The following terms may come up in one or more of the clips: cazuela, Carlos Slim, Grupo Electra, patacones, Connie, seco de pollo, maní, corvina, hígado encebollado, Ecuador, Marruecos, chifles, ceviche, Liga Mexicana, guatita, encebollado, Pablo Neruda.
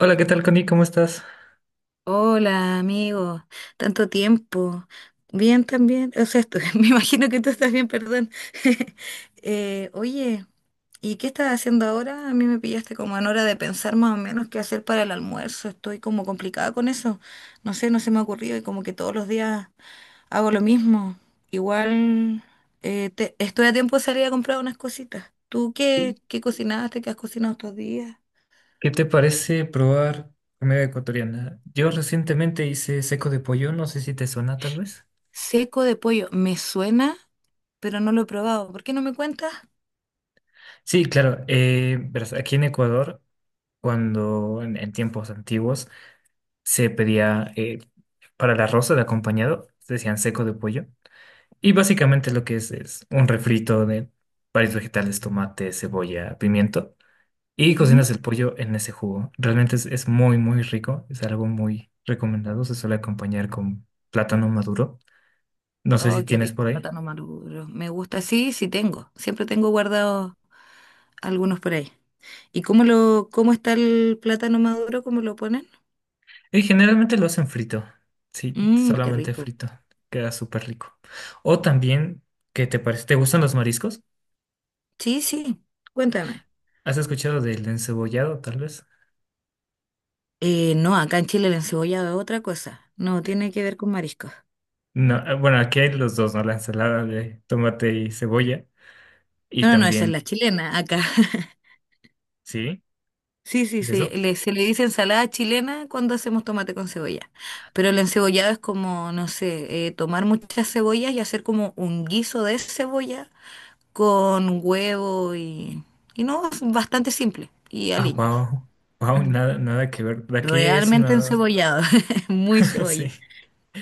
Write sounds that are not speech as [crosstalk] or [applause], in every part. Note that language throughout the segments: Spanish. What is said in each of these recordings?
Hola, ¿qué tal, Connie? ¿Cómo estás? Hola, amigo. Tanto tiempo. Bien también. O sea, [laughs] me imagino que tú estás bien, perdón. [laughs] Oye, ¿y qué estás haciendo ahora? A mí me pillaste como en hora de pensar más o menos qué hacer para el almuerzo. Estoy como complicada con eso. No sé, no se me ha ocurrido y como que todos los días hago lo mismo. Igual estoy a tiempo de salir a comprar unas cositas. ¿Tú qué cocinaste? ¿Qué has cocinado estos días? ¿Qué te parece probar comida ecuatoriana? Yo recientemente hice seco de pollo, no sé si te suena tal vez. Seco de pollo. Me suena, pero no lo he probado. ¿Por qué no me cuentas? Sí, claro, verás, aquí en Ecuador, cuando en tiempos antiguos se pedía para el arroz, de acompañado, decían seco de pollo, y básicamente lo que es un refrito de varios vegetales, tomate, cebolla, pimiento. Y Ujú. cocinas el pollo en ese jugo. Realmente es muy, muy rico. Es algo muy recomendado. Se suele acompañar con plátano maduro. No sé si Oh, qué tienes rico, por ahí. plátano maduro. Me gusta, sí, sí tengo. Siempre tengo guardados algunos por ahí. ¿Y cómo está el plátano maduro? ¿Cómo lo ponen? Y generalmente lo hacen frito. Sí, Mmm, qué solamente rico. frito. Queda súper rico. O también, ¿qué te parece? ¿Te gustan los mariscos? Sí, sí, cuéntame. ¿Has escuchado del encebollado, tal vez? No, acá en Chile la encebollado es otra cosa. No, tiene que ver con mariscos. No, bueno, aquí hay los dos, ¿no? La ensalada de tomate y cebolla. No, Y no, no, esa es también, la chilena acá. [laughs] ¿sí? Sí, sí, ¿Es sí. eso? Se le dice ensalada chilena cuando hacemos tomate con cebolla. Pero el encebollado es como, no sé, tomar muchas cebollas y hacer como un guiso de cebolla con huevo y no, es bastante simple y Ah, aliños. wow. Wow, Mm. nada, nada que ver. De aquí es Realmente una. encebollado, [laughs] muy [laughs] Sí. cebolla.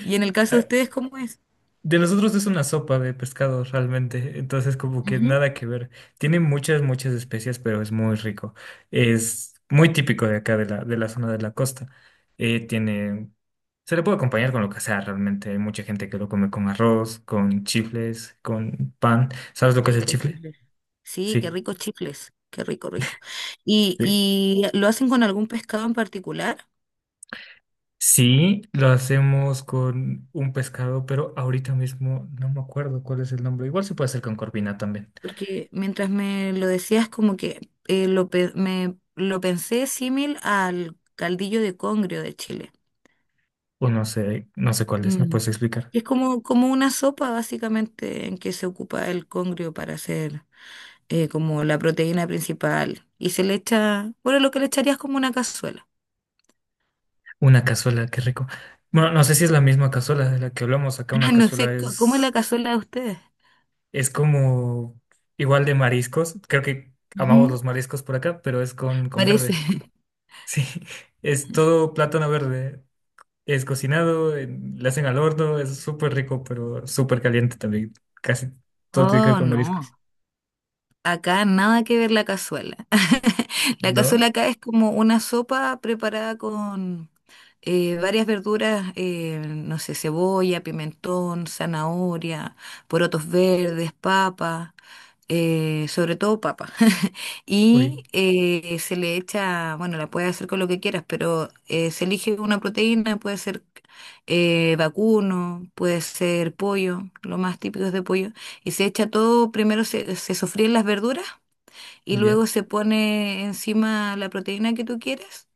Y en el caso de Eh, ustedes, ¿cómo es? De nosotros es una sopa de pescado realmente, entonces como que Ujú. nada que ver. Tiene muchas, muchas especias, pero es muy rico. Es muy típico de acá, de la zona de la costa. Eh, tiene, se le puede acompañar con lo que sea realmente. Hay mucha gente que lo come con arroz, con chifles, con pan. ¿Sabes lo que es el Rico, chifle? chifles. Sí, qué Sí, rico chifles, qué rico, rico. ¿Y, sí. y lo hacen con algún pescado en particular? Sí, lo hacemos con un pescado, pero ahorita mismo no me acuerdo cuál es el nombre. Igual se puede hacer con corvina también. Porque mientras me lo decías, como que lo pensé símil al caldillo de congrio de Chile. O no sé, no sé cuál es, ¿me Mm. puedes explicar? Es como, como una sopa, básicamente, en que se ocupa el congrio para hacer como la proteína principal. Y se le echa, bueno, lo que le echarías como una cazuela. Una cazuela, qué rico. Bueno, no sé si es la misma cazuela de la que hablamos acá. Una [laughs] No sé, cazuela ¿cómo es la cazuela de ustedes? es como igual de mariscos. Creo que amamos Ujú. los mariscos por acá, pero es con Parece. verde. [laughs] Sí, [laughs] es todo plátano verde. Es cocinado, le hacen al horno, es súper rico, pero súper caliente también. Casi todo tiene que ver Oh, con no. mariscos. Acá nada que ver la cazuela. [laughs] La ¿No? cazuela acá es como una sopa preparada con varias verduras, no sé, cebolla, pimentón, zanahoria, porotos verdes, papa, sobre todo papa. [laughs] Uy, Y se le echa, bueno, la puedes hacer con lo que quieras, pero se elige una proteína, puede ser vacuno, puede ser pollo, lo más típico es de pollo, y se echa todo, primero se sofríen las verduras y ya, luego se pone encima la proteína que tú quieras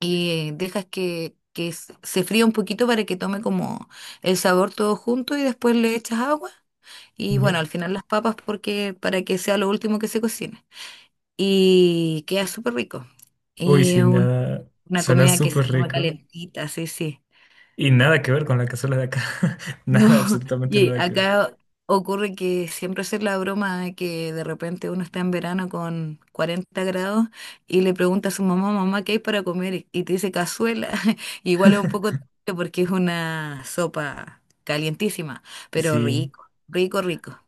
y dejas que se fría un poquito para que tome como el sabor todo junto y después le echas agua y ya. bueno, al final las papas porque para que sea lo último que se cocine. Y queda súper rico. Uy, Y sin un- nada. una Suena comida que se súper toma rico. calentita, sí, sí. Y nada que ver con la cazuela de acá. [laughs] No, Nada, [laughs] absolutamente y nada que ver. acá ocurre que siempre hacer la broma de que de repente uno está en verano con 40 grados y le pregunta a su mamá, mamá, ¿qué hay para comer? Y te dice cazuela. [laughs] Igual es un poco triste porque es una sopa calientísima, pero Sí, rico, rico, rico.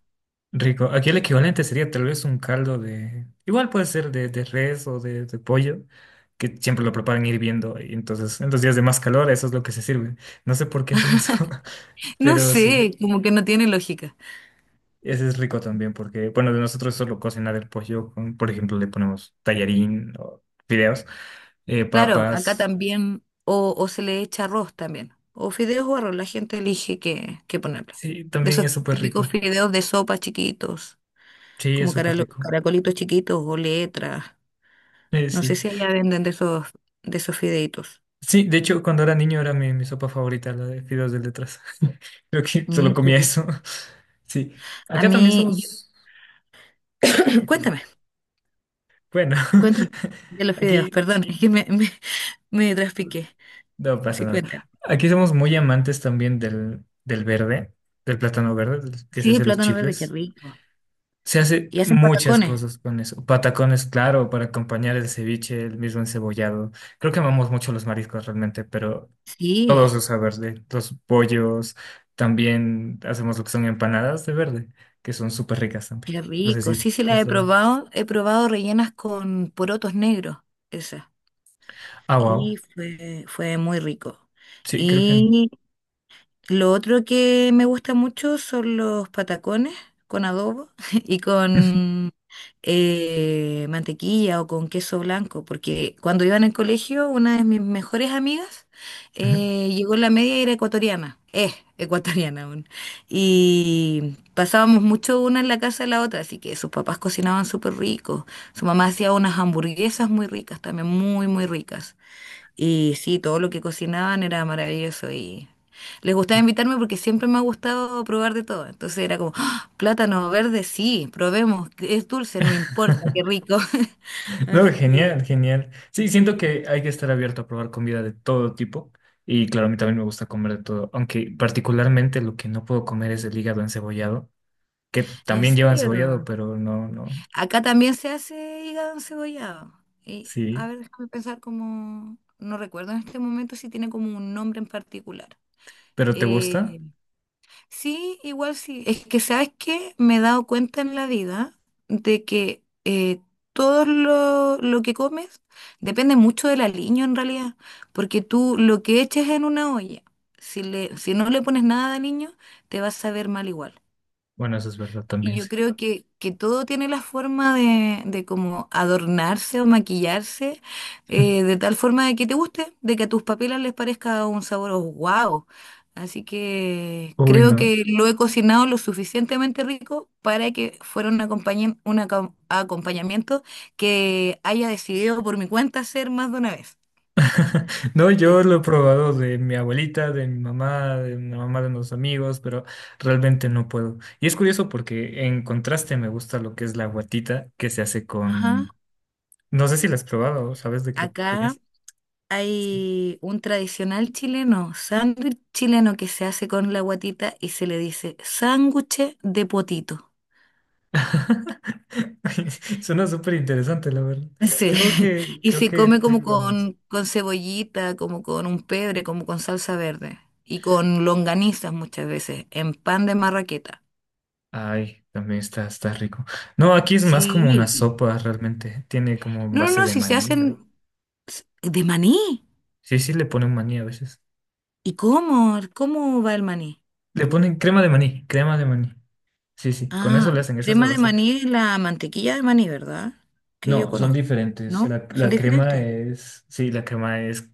rico. Aquí el equivalente sería tal vez un caldo de... Igual puede ser de res o de pollo, que siempre lo preparan hirviendo. Y entonces en los días de más calor eso es lo que se sirve. No sé por qué hacen eso, [laughs] No pero sí, sé, como que no tiene lógica. ese es rico también porque, bueno, de nosotros solo cocinar el pollo. Por ejemplo, le ponemos tallarín o fideos, Claro, acá papas. también, o se le echa arroz también, o fideos o arroz, la gente elige qué ponerle. Sí, De también esos es súper típicos rico. fideos de sopa chiquitos. Sí, es Como súper rico. caracolitos chiquitos o letras. No sé Sí. si allá venden de esos fideitos. Sí, de hecho, cuando era niño era mi sopa favorita, la de fideos de letras. [laughs] Creo que solo Mm, qué comía eso. rico. Sí, A acá también mí, yo- somos... [clears throat] cuéntame, Bueno, cuéntame de [laughs] los fideos, aquí perdón, es que [laughs] me traspiqué. no pasa Sí, nada. cuéntame. Aquí somos muy amantes también del, del verde, del plátano verde, del que se Sí, hace los plátano verde, qué chifles. rico. Se hace ¿Y hacen muchas patacones? cosas con eso. Patacones, claro, para acompañar el ceviche, el mismo encebollado. Creo que amamos mucho los mariscos realmente, pero Sí, todo se usa verde. Los pollos, también hacemos lo que son empanadas de verde, que son súper ricas también. qué No sé rico. si Sí, sí, las las he probado. probado. He probado rellenas con porotos negros, esas. Ah, wow. Y fue muy rico. Sí, creo que... Y lo otro que me gusta mucho son los patacones con adobo [laughs] y [laughs] con mantequilla o con queso blanco, porque cuando iba en el colegio, una de mis mejores amigas Ujú. Llegó en la media y era ecuatoriana, es ecuatoriana aún, y pasábamos mucho una en la casa de la otra, así que sus papás cocinaban súper rico, su mamá hacía unas hamburguesas muy ricas, también muy, muy ricas. Y sí, todo lo que cocinaban era maravilloso y les gustaba invitarme porque siempre me ha gustado probar de todo. Entonces era como, "¡Ah! Plátano verde, sí, probemos, es dulce, no importa, qué [laughs] rico". [laughs] No, Así genial, que, genial. Sí, siento sí, que hay que estar abierto a probar comida de todo tipo. Y claro, a mí también me gusta comer de todo. Aunque particularmente lo que no puedo comer es el hígado encebollado, que en también lleva encebollado, serio. pero no, no. Acá también se hace hígado encebollado. Y a Sí. ver, déjame pensar como, no recuerdo en este momento si tiene como un nombre en particular. ¿Pero te gusta? Eh, Sí, igual sí. Es que, ¿sabes qué? Me he dado cuenta en la vida de que todo lo que comes depende mucho del aliño en realidad, porque tú lo que eches en una olla, si no le pones nada de aliño, te va a saber mal igual. Bueno, eso es verdad Y también, yo sí. creo que todo tiene la forma de, como adornarse o maquillarse [laughs] de tal forma de que te guste, de que a tus papilas les parezca un sabor wow. Así que Uy, creo no. que lo he cocinado lo suficientemente rico para que fuera un acompañamiento que haya decidido por mi cuenta hacer más de una vez. [laughs] No, Sí. yo lo he probado de mi abuelita, de mi mamá, de la mamá de unos amigos, pero realmente no puedo. Y es curioso porque en contraste me gusta lo que es la guatita que se hace Ajá, con... No sé si la has probado, ¿sabes de qué acá. es? Sí. Hay un tradicional chileno, sándwich chileno que se hace con la guatita y se le dice sándwich de potito. [laughs] Suena súper interesante, la verdad. Sí, [laughs] y Creo se que come como tengo ganas. con, cebollita, como con un pebre, como con salsa verde y con longanizas muchas veces, en pan de marraqueta. Ay, también está, está rico. No, aquí es más como una Sí. sopa realmente. Tiene como No, no, base no, de si se maní. hacen de maní. Sí, sí, le ponen maní a veces. ¿Y cómo? ¿Cómo va el maní? Le ponen crema de maní, crema de maní. Sí, sí, con eso Ah, le hacen, esa es la crema de base. maní es la mantequilla de maní, ¿verdad? Que yo No, son conozco, diferentes. ¿no? La, Son la crema diferentes. es, sí, la crema es,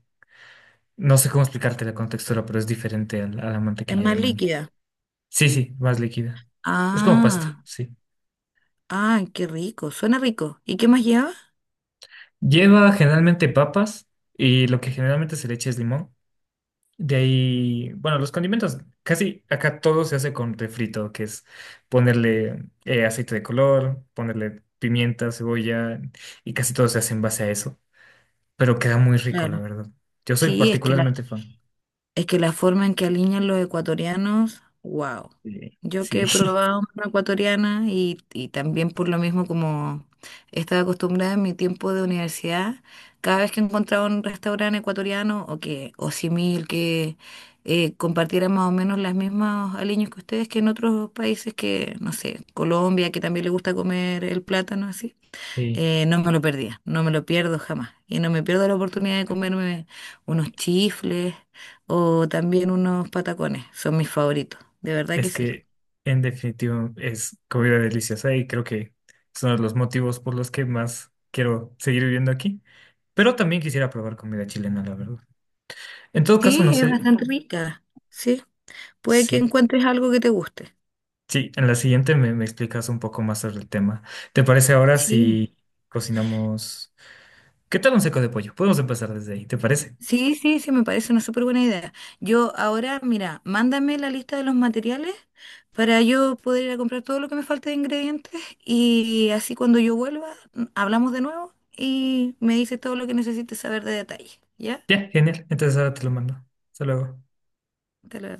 no sé cómo explicarte la contextura, pero es diferente a la Es mantequilla de más maní. líquida. Sí, sí, más líquida. Es como pasta, Ah, sí. ah, qué rico, suena rico. ¿Y qué más lleva? Lleva generalmente papas y lo que generalmente se le echa es limón. De ahí, bueno, los condimentos, casi acá todo se hace con refrito, que es ponerle aceite de color, ponerle pimienta, cebolla, y casi todo se hace en base a eso. Pero queda muy rico, la Claro. verdad. Yo soy Sí, es particularmente fan. Es que la forma en que alinean los ecuatorianos, wow. Yo que Sí, sí, he [laughs] probado una ecuatoriana y también por lo mismo como estaba acostumbrada en mi tiempo de universidad, cada vez que encontraba un restaurante ecuatoriano o simil que compartiera más o menos las mismas aliños que ustedes que en otros países que, no sé, Colombia, que también le gusta comer el plátano así. sí. No me lo perdía, no me lo pierdo jamás. Y no me pierdo la oportunidad de comerme unos chifles o también unos patacones. Son mis favoritos, de verdad que Es sí. que en definitivo es comida deliciosa y creo que son los motivos por los que más quiero seguir viviendo aquí. Pero también quisiera probar comida chilena, la verdad. En todo caso, Sí, no es sé. bastante rica. Sí, puede que Sí. encuentres algo que te guste. Sí, en la siguiente me, me explicas un poco más sobre el tema. ¿Te parece ahora Sí. si cocinamos? ¿Qué tal un seco de pollo? Podemos empezar desde ahí, ¿te parece? Sí, sí, sí, me parece una súper buena idea. Yo ahora, mira, mándame la lista de los materiales para yo poder ir a comprar todo lo que me falte de ingredientes y así cuando yo vuelva, hablamos de nuevo y me dices todo lo que necesites saber de detalle, ¿ya? Ya, genial. Entonces ahora te lo mando. Hasta luego. Te lo